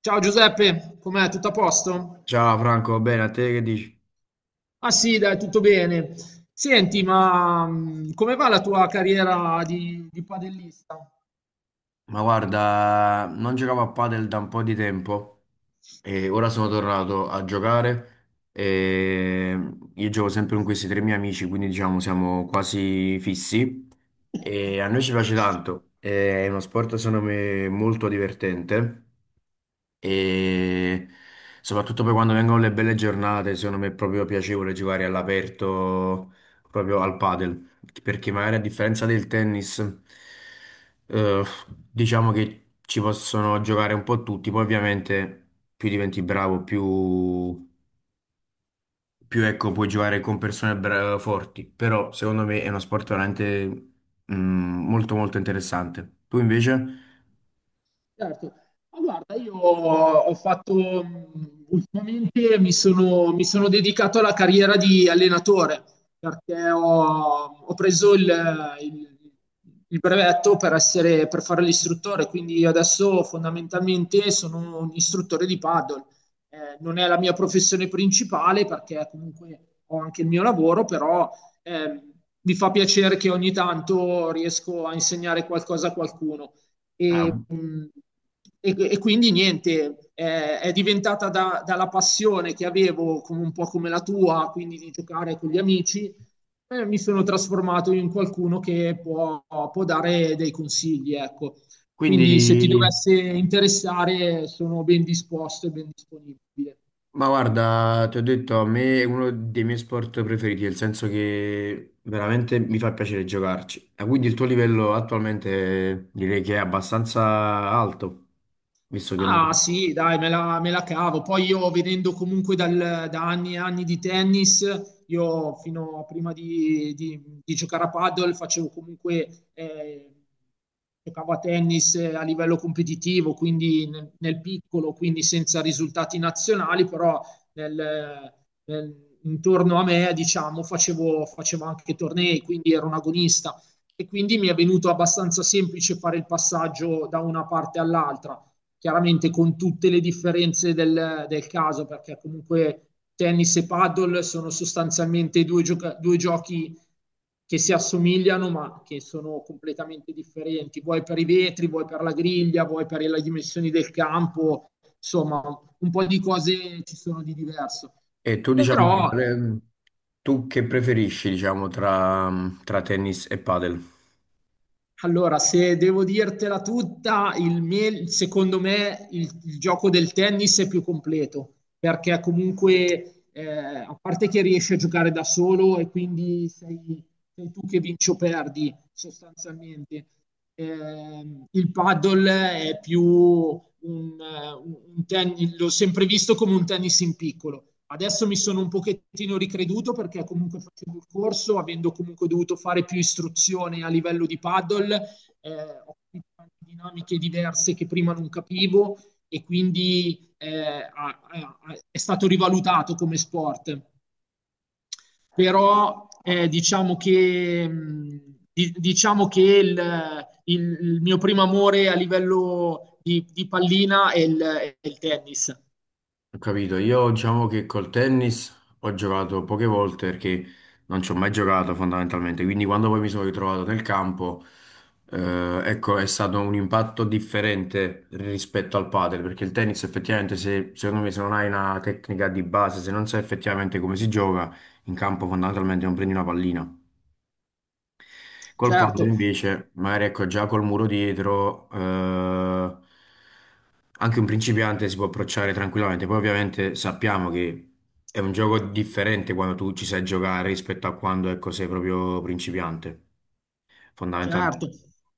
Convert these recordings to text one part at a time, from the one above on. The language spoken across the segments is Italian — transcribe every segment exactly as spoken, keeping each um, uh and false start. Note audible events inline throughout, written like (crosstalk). Ciao Giuseppe, com'è? Tutto a posto? Ciao Franco, va bene? A te che dici? Ah sì, dai, tutto bene. Senti, ma mm, come va la tua carriera di, di padellista? Ma guarda, non giocavo a padel da un po' di tempo e ora sono tornato a giocare e io gioco sempre con questi tre miei amici, quindi diciamo siamo quasi fissi e a noi ci piace tanto, è uno sport secondo me molto divertente e soprattutto poi quando vengono le belle giornate, secondo me è proprio piacevole giocare all'aperto, proprio al padel, perché magari a differenza del tennis, eh, diciamo che ci possono giocare un po' tutti, poi ovviamente più diventi bravo, più, più ecco, puoi giocare con persone bra- forti, però secondo me è uno sport veramente mm, molto molto interessante. Tu invece? Certo. Ma guarda, io ho fatto mh, ultimamente mi sono, mi sono dedicato alla carriera di allenatore perché ho, ho preso il, il- il brevetto per essere, per fare l'istruttore, quindi io adesso fondamentalmente sono un istruttore di paddle. Eh, non è la mia professione principale perché comunque ho anche il mio lavoro, però ehm, mi fa piacere che ogni tanto riesco a insegnare qualcosa a qualcuno. Ah, E, mh, e, e quindi niente, eh, è diventata da- dalla passione che avevo, come un po' come la tua, quindi di giocare con gli amici, eh, mi sono trasformato in qualcuno che può, può dare dei consigli, ecco. Quindi se ti quindi... dovesse interessare, sono ben disposto e ben disponibile. Ma guarda, ti ho detto, a me è uno dei miei sport preferiti, nel senso che veramente mi fa piacere giocarci. E quindi il tuo livello attualmente direi che è abbastanza alto, visto che... Ah sì, dai, me la, me la cavo. Poi io venendo comunque dal- da anni e anni di tennis, io fino a prima di, di- di giocare a paddle facevo comunque, eh, giocavo a tennis eh, a livello competitivo, quindi nel, nel piccolo, quindi senza risultati nazionali, però nel- nel- intorno a me, diciamo, facevo, facevo anche tornei, quindi ero un agonista e quindi mi è venuto abbastanza semplice fare il passaggio da una parte all'altra chiaramente con tutte le differenze del, del caso, perché comunque tennis e paddle sono sostanzialmente due, gioca- due giochi che si assomigliano ma che sono completamente differenti, vuoi per i vetri, vuoi per la griglia, vuoi per le dimensioni del campo, insomma un po' di cose ci sono di diverso. E tu, diciamo, Però eh, tu che preferisci, diciamo, tra, tra tennis e padel? allora, se devo dirtela tutta, il mie- secondo me il, il gioco del tennis è più completo, perché comunque, eh, a parte che riesci a giocare da solo e quindi sei, sei tu che vinci o perdi, sostanzialmente. Ehm, il paddle è più, un, un tennis, l'ho sempre visto come un tennis in piccolo. Adesso mi sono un pochettino ricreduto perché comunque facevo il corso, avendo comunque dovuto fare più istruzione a livello di paddle, eh, ho capito dinamiche diverse che prima non capivo e quindi eh, è stato rivalutato come sport però eh, diciamo che, mh, di- diciamo che il, il- il mio primo amore a livello di, di pallina è il, è il tennis. Ho capito, io diciamo che col tennis ho giocato poche volte perché non ci ho mai giocato fondamentalmente, quindi quando poi mi sono ritrovato nel campo, eh, ecco, è stato un impatto differente rispetto al padel, perché il tennis effettivamente, se, secondo me, se non hai una tecnica di base, se non sai effettivamente come si gioca, in campo fondamentalmente non prendi una pallina. Col padre Certo. invece, magari ecco già col muro dietro, eh, anche un principiante si può approcciare tranquillamente. Poi ovviamente sappiamo che è un gioco differente quando tu ci sai giocare rispetto a quando ecco, sei proprio principiante, fondamentalmente. Certo.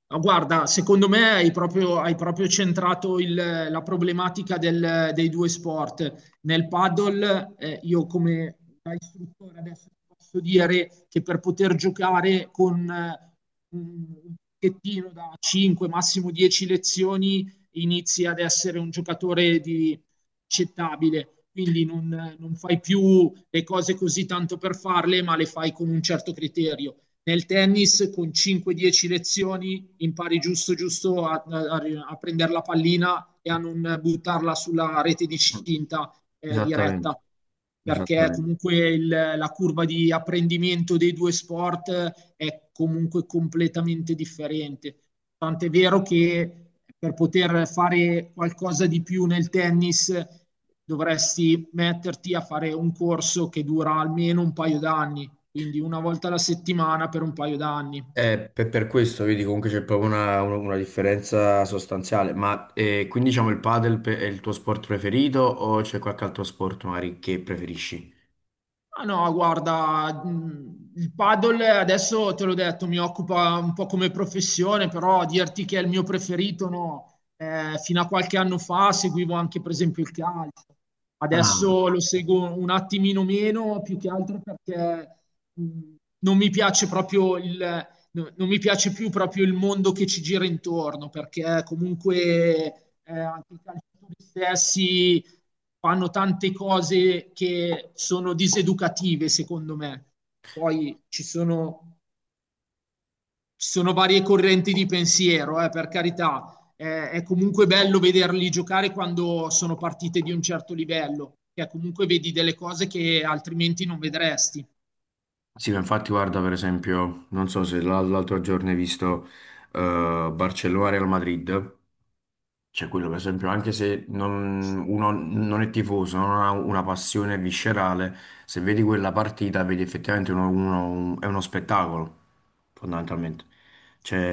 Ma guarda, secondo me hai proprio, hai proprio centrato il- la problematica del- dei due sport. Nel paddle, eh, io come da istruttore adesso ti posso dire che per poter giocare con eh, un un pacchettino da cinque, massimo dieci lezioni, inizi ad essere un giocatore di accettabile. Quindi non non fai più le cose così tanto per farle, ma le fai con un certo criterio. Nel tennis con cinque dieci lezioni impari giusto giusto a, a, a prendere la pallina e a non buttarla sulla rete di cinta eh, Esattamente, diretta perché esattamente. comunque il, la curva di apprendimento dei due sport eh, è comunque completamente differente. Tant'è vero che per poter fare qualcosa di più nel tennis dovresti metterti a fare un corso che dura almeno un paio d'anni quindi una volta alla settimana per un paio d'anni. Eh, per, per questo, vedi, comunque c'è proprio una, una- una differenza sostanziale. Ma eh, quindi diciamo il padel pe- è il tuo sport preferito o c'è qualche altro sport magari che preferisci? Ah no, guarda, mm, il paddle adesso te l'ho detto, mi occupa un po' come professione, però dirti che è il mio preferito, no. Eh, fino a qualche anno fa seguivo anche per esempio il calcio, Ah, adesso lo seguo un attimino meno, più che altro perché mh, non mi piace proprio il, no- non mi piace più proprio il mondo che ci gira intorno, perché comunque eh, anche i calciatori stessi fanno tante cose che sono diseducative, secondo me. Poi ci sono, ci sono varie correnti di pensiero, eh, per carità. Eh, è comunque bello vederli giocare quando sono partite di un certo livello, che comunque vedi delle cose che altrimenti non vedresti. sì, ma infatti guarda per esempio, non so se l'al- l'altro giorno hai visto eh, Barcellona-Real Madrid, cioè quello per esempio, anche se non, uno non è tifoso, non ha una passione viscerale, se vedi quella partita vedi effettivamente uno, uno- un- è uno spettacolo, fondamentalmente.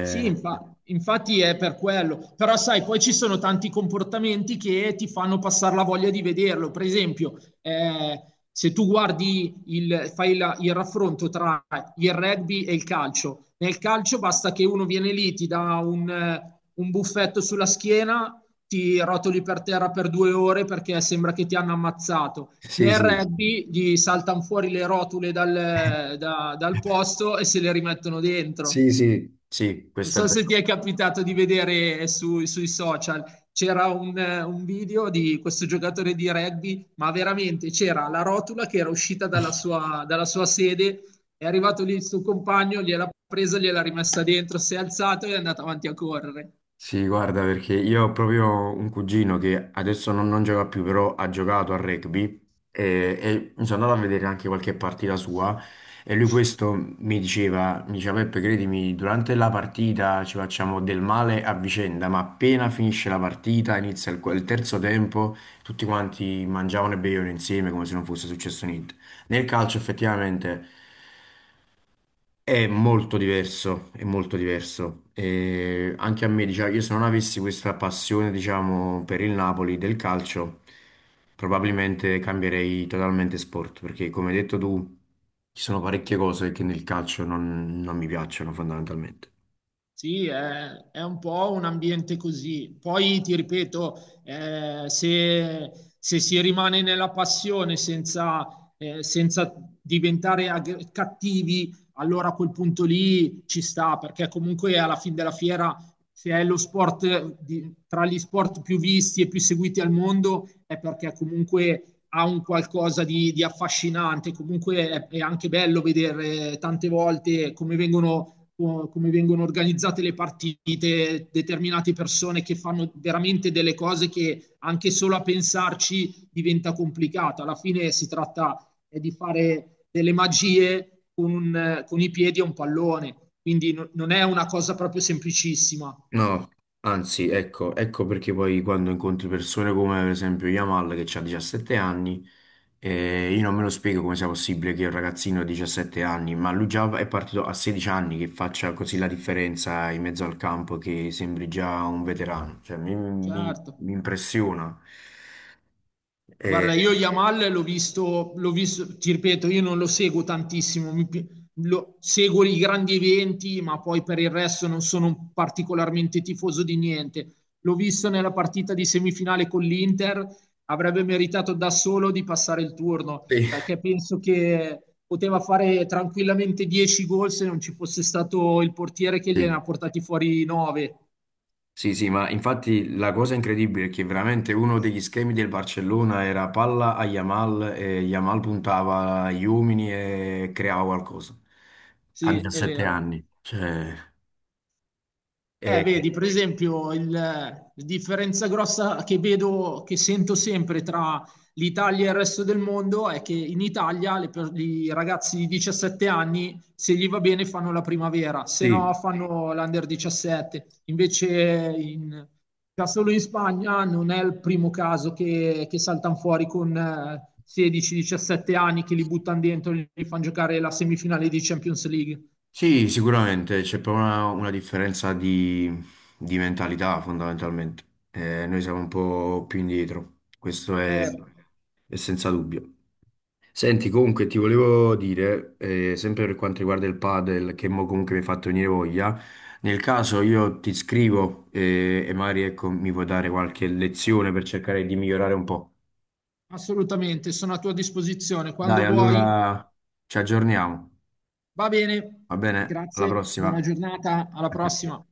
Sì, infa- infatti è per quello, però sai, poi ci sono tanti comportamenti che ti fanno passare la voglia di vederlo. Per esempio, eh, se tu guardi il, fai la- il raffronto tra il rugby e il calcio, nel calcio basta che uno viene lì, ti dà un, eh, un buffetto sulla schiena, ti rotoli per terra per due ore perché sembra che ti hanno ammazzato. sì, Nel sì, rugby gli saltano fuori le rotule dal, da- dal posto e se le rimettono dentro. sì, sì, sì, Non questo è so se vero. ti è capitato di vedere eh, su- sui social, c'era un, eh, un video di questo giocatore di rugby, ma veramente c'era la rotola che era uscita dalla (laughs) sua, dalla sua sede, è arrivato lì il suo compagno, gliel'ha presa, gliel'ha rimessa dentro, si è alzato e è andato avanti a correre. Sì, guarda, perché io ho proprio un cugino che adesso non, non gioca più, però ha giocato a rugby e, e mi sono andato a vedere anche qualche partita sua e lui questo mi diceva, mi diceva Peppe, credimi, durante la partita ci facciamo del male a vicenda, ma appena finisce la partita, inizia il, il terzo tempo, tutti quanti mangiavano e bevevano insieme come se non fosse successo niente. Nel calcio effettivamente... È molto diverso, è molto diverso. E anche a me, diciamo, io se non avessi questa passione, diciamo, per il Napoli del calcio, probabilmente cambierei totalmente sport, perché come hai detto tu, ci sono parecchie cose che nel calcio non, non mi piacciono fondamentalmente. Sì, è, è un po' un ambiente così. Poi ti ripeto, eh, se, se si rimane nella passione senza, eh, senza diventare ag- cattivi, allora a quel punto lì ci sta, perché comunque alla fine della fiera, se è lo sport di- tra gli sport più visti e più seguiti al mondo, è perché comunque ha un qualcosa di, di affascinante. Comunque è è anche bello vedere tante volte come vengono come vengono organizzate le partite, determinate persone che fanno veramente delle cose che anche solo a pensarci diventa complicata. Alla fine si tratta eh, di fare delle magie con, un, con i piedi a un pallone, quindi no, non è una cosa proprio semplicissima. No, anzi, ecco, ecco perché poi quando incontri persone come per esempio Yamal che ha diciassette anni. E io non me lo spiego come sia possibile che un ragazzino di diciassette anni, ma lui già è partito a sedici anni, che faccia così la differenza in mezzo al campo, che sembri già un veterano. Cioè, mi, mi- Certo. mi impressiona. Guarda, io E- Yamal l'ho visto, l'ho visto, ti ripeto, io non lo seguo tantissimo, mi pi- lo- seguo i grandi eventi, ma poi per il resto non sono particolarmente tifoso di niente. L'ho visto nella partita di semifinale con l'Inter, avrebbe meritato da solo di passare il turno, Sì. perché penso che poteva fare tranquillamente dieci gol se non ci fosse stato il portiere che gliene Sì. ha portati fuori nove. Sì, sì, ma infatti la cosa incredibile è che veramente uno degli schemi del Barcellona era palla a Yamal e Yamal puntava agli uomini e creava qualcosa a Sì, è diciassette vero. anni. Cioè, Eh, e- vedi, per esempio, il- la differenza grossa che vedo, che sento sempre tra l'Italia e il resto del mondo è che in Italia le per- i ragazzi di diciassette anni, se gli va bene, fanno la primavera, se no sì. fanno l'under diciassette. Invece in, da solo in Spagna non è il primo caso che, che saltano fuori con eh, sedici diciassette anni, che li buttano dentro e li fanno giocare la semifinale di Champions League. Sì, sicuramente c'è proprio una, una differenza di, di mentalità fondamentalmente. Eh, noi siamo un po' più indietro, questo è, Eh, è senza dubbio. Senti, comunque ti volevo dire, eh, sempre per quanto riguarda il padel, che mo comunque mi hai fatto venire voglia, nel caso io ti scrivo eh, e magari ecco, mi puoi dare qualche lezione per cercare di migliorare un po'. Assolutamente, sono a tua disposizione quando Dai, vuoi. allora ci aggiorniamo, Va bene, va bene? Alla grazie, buona prossima, giornata, alla anche a te. prossima.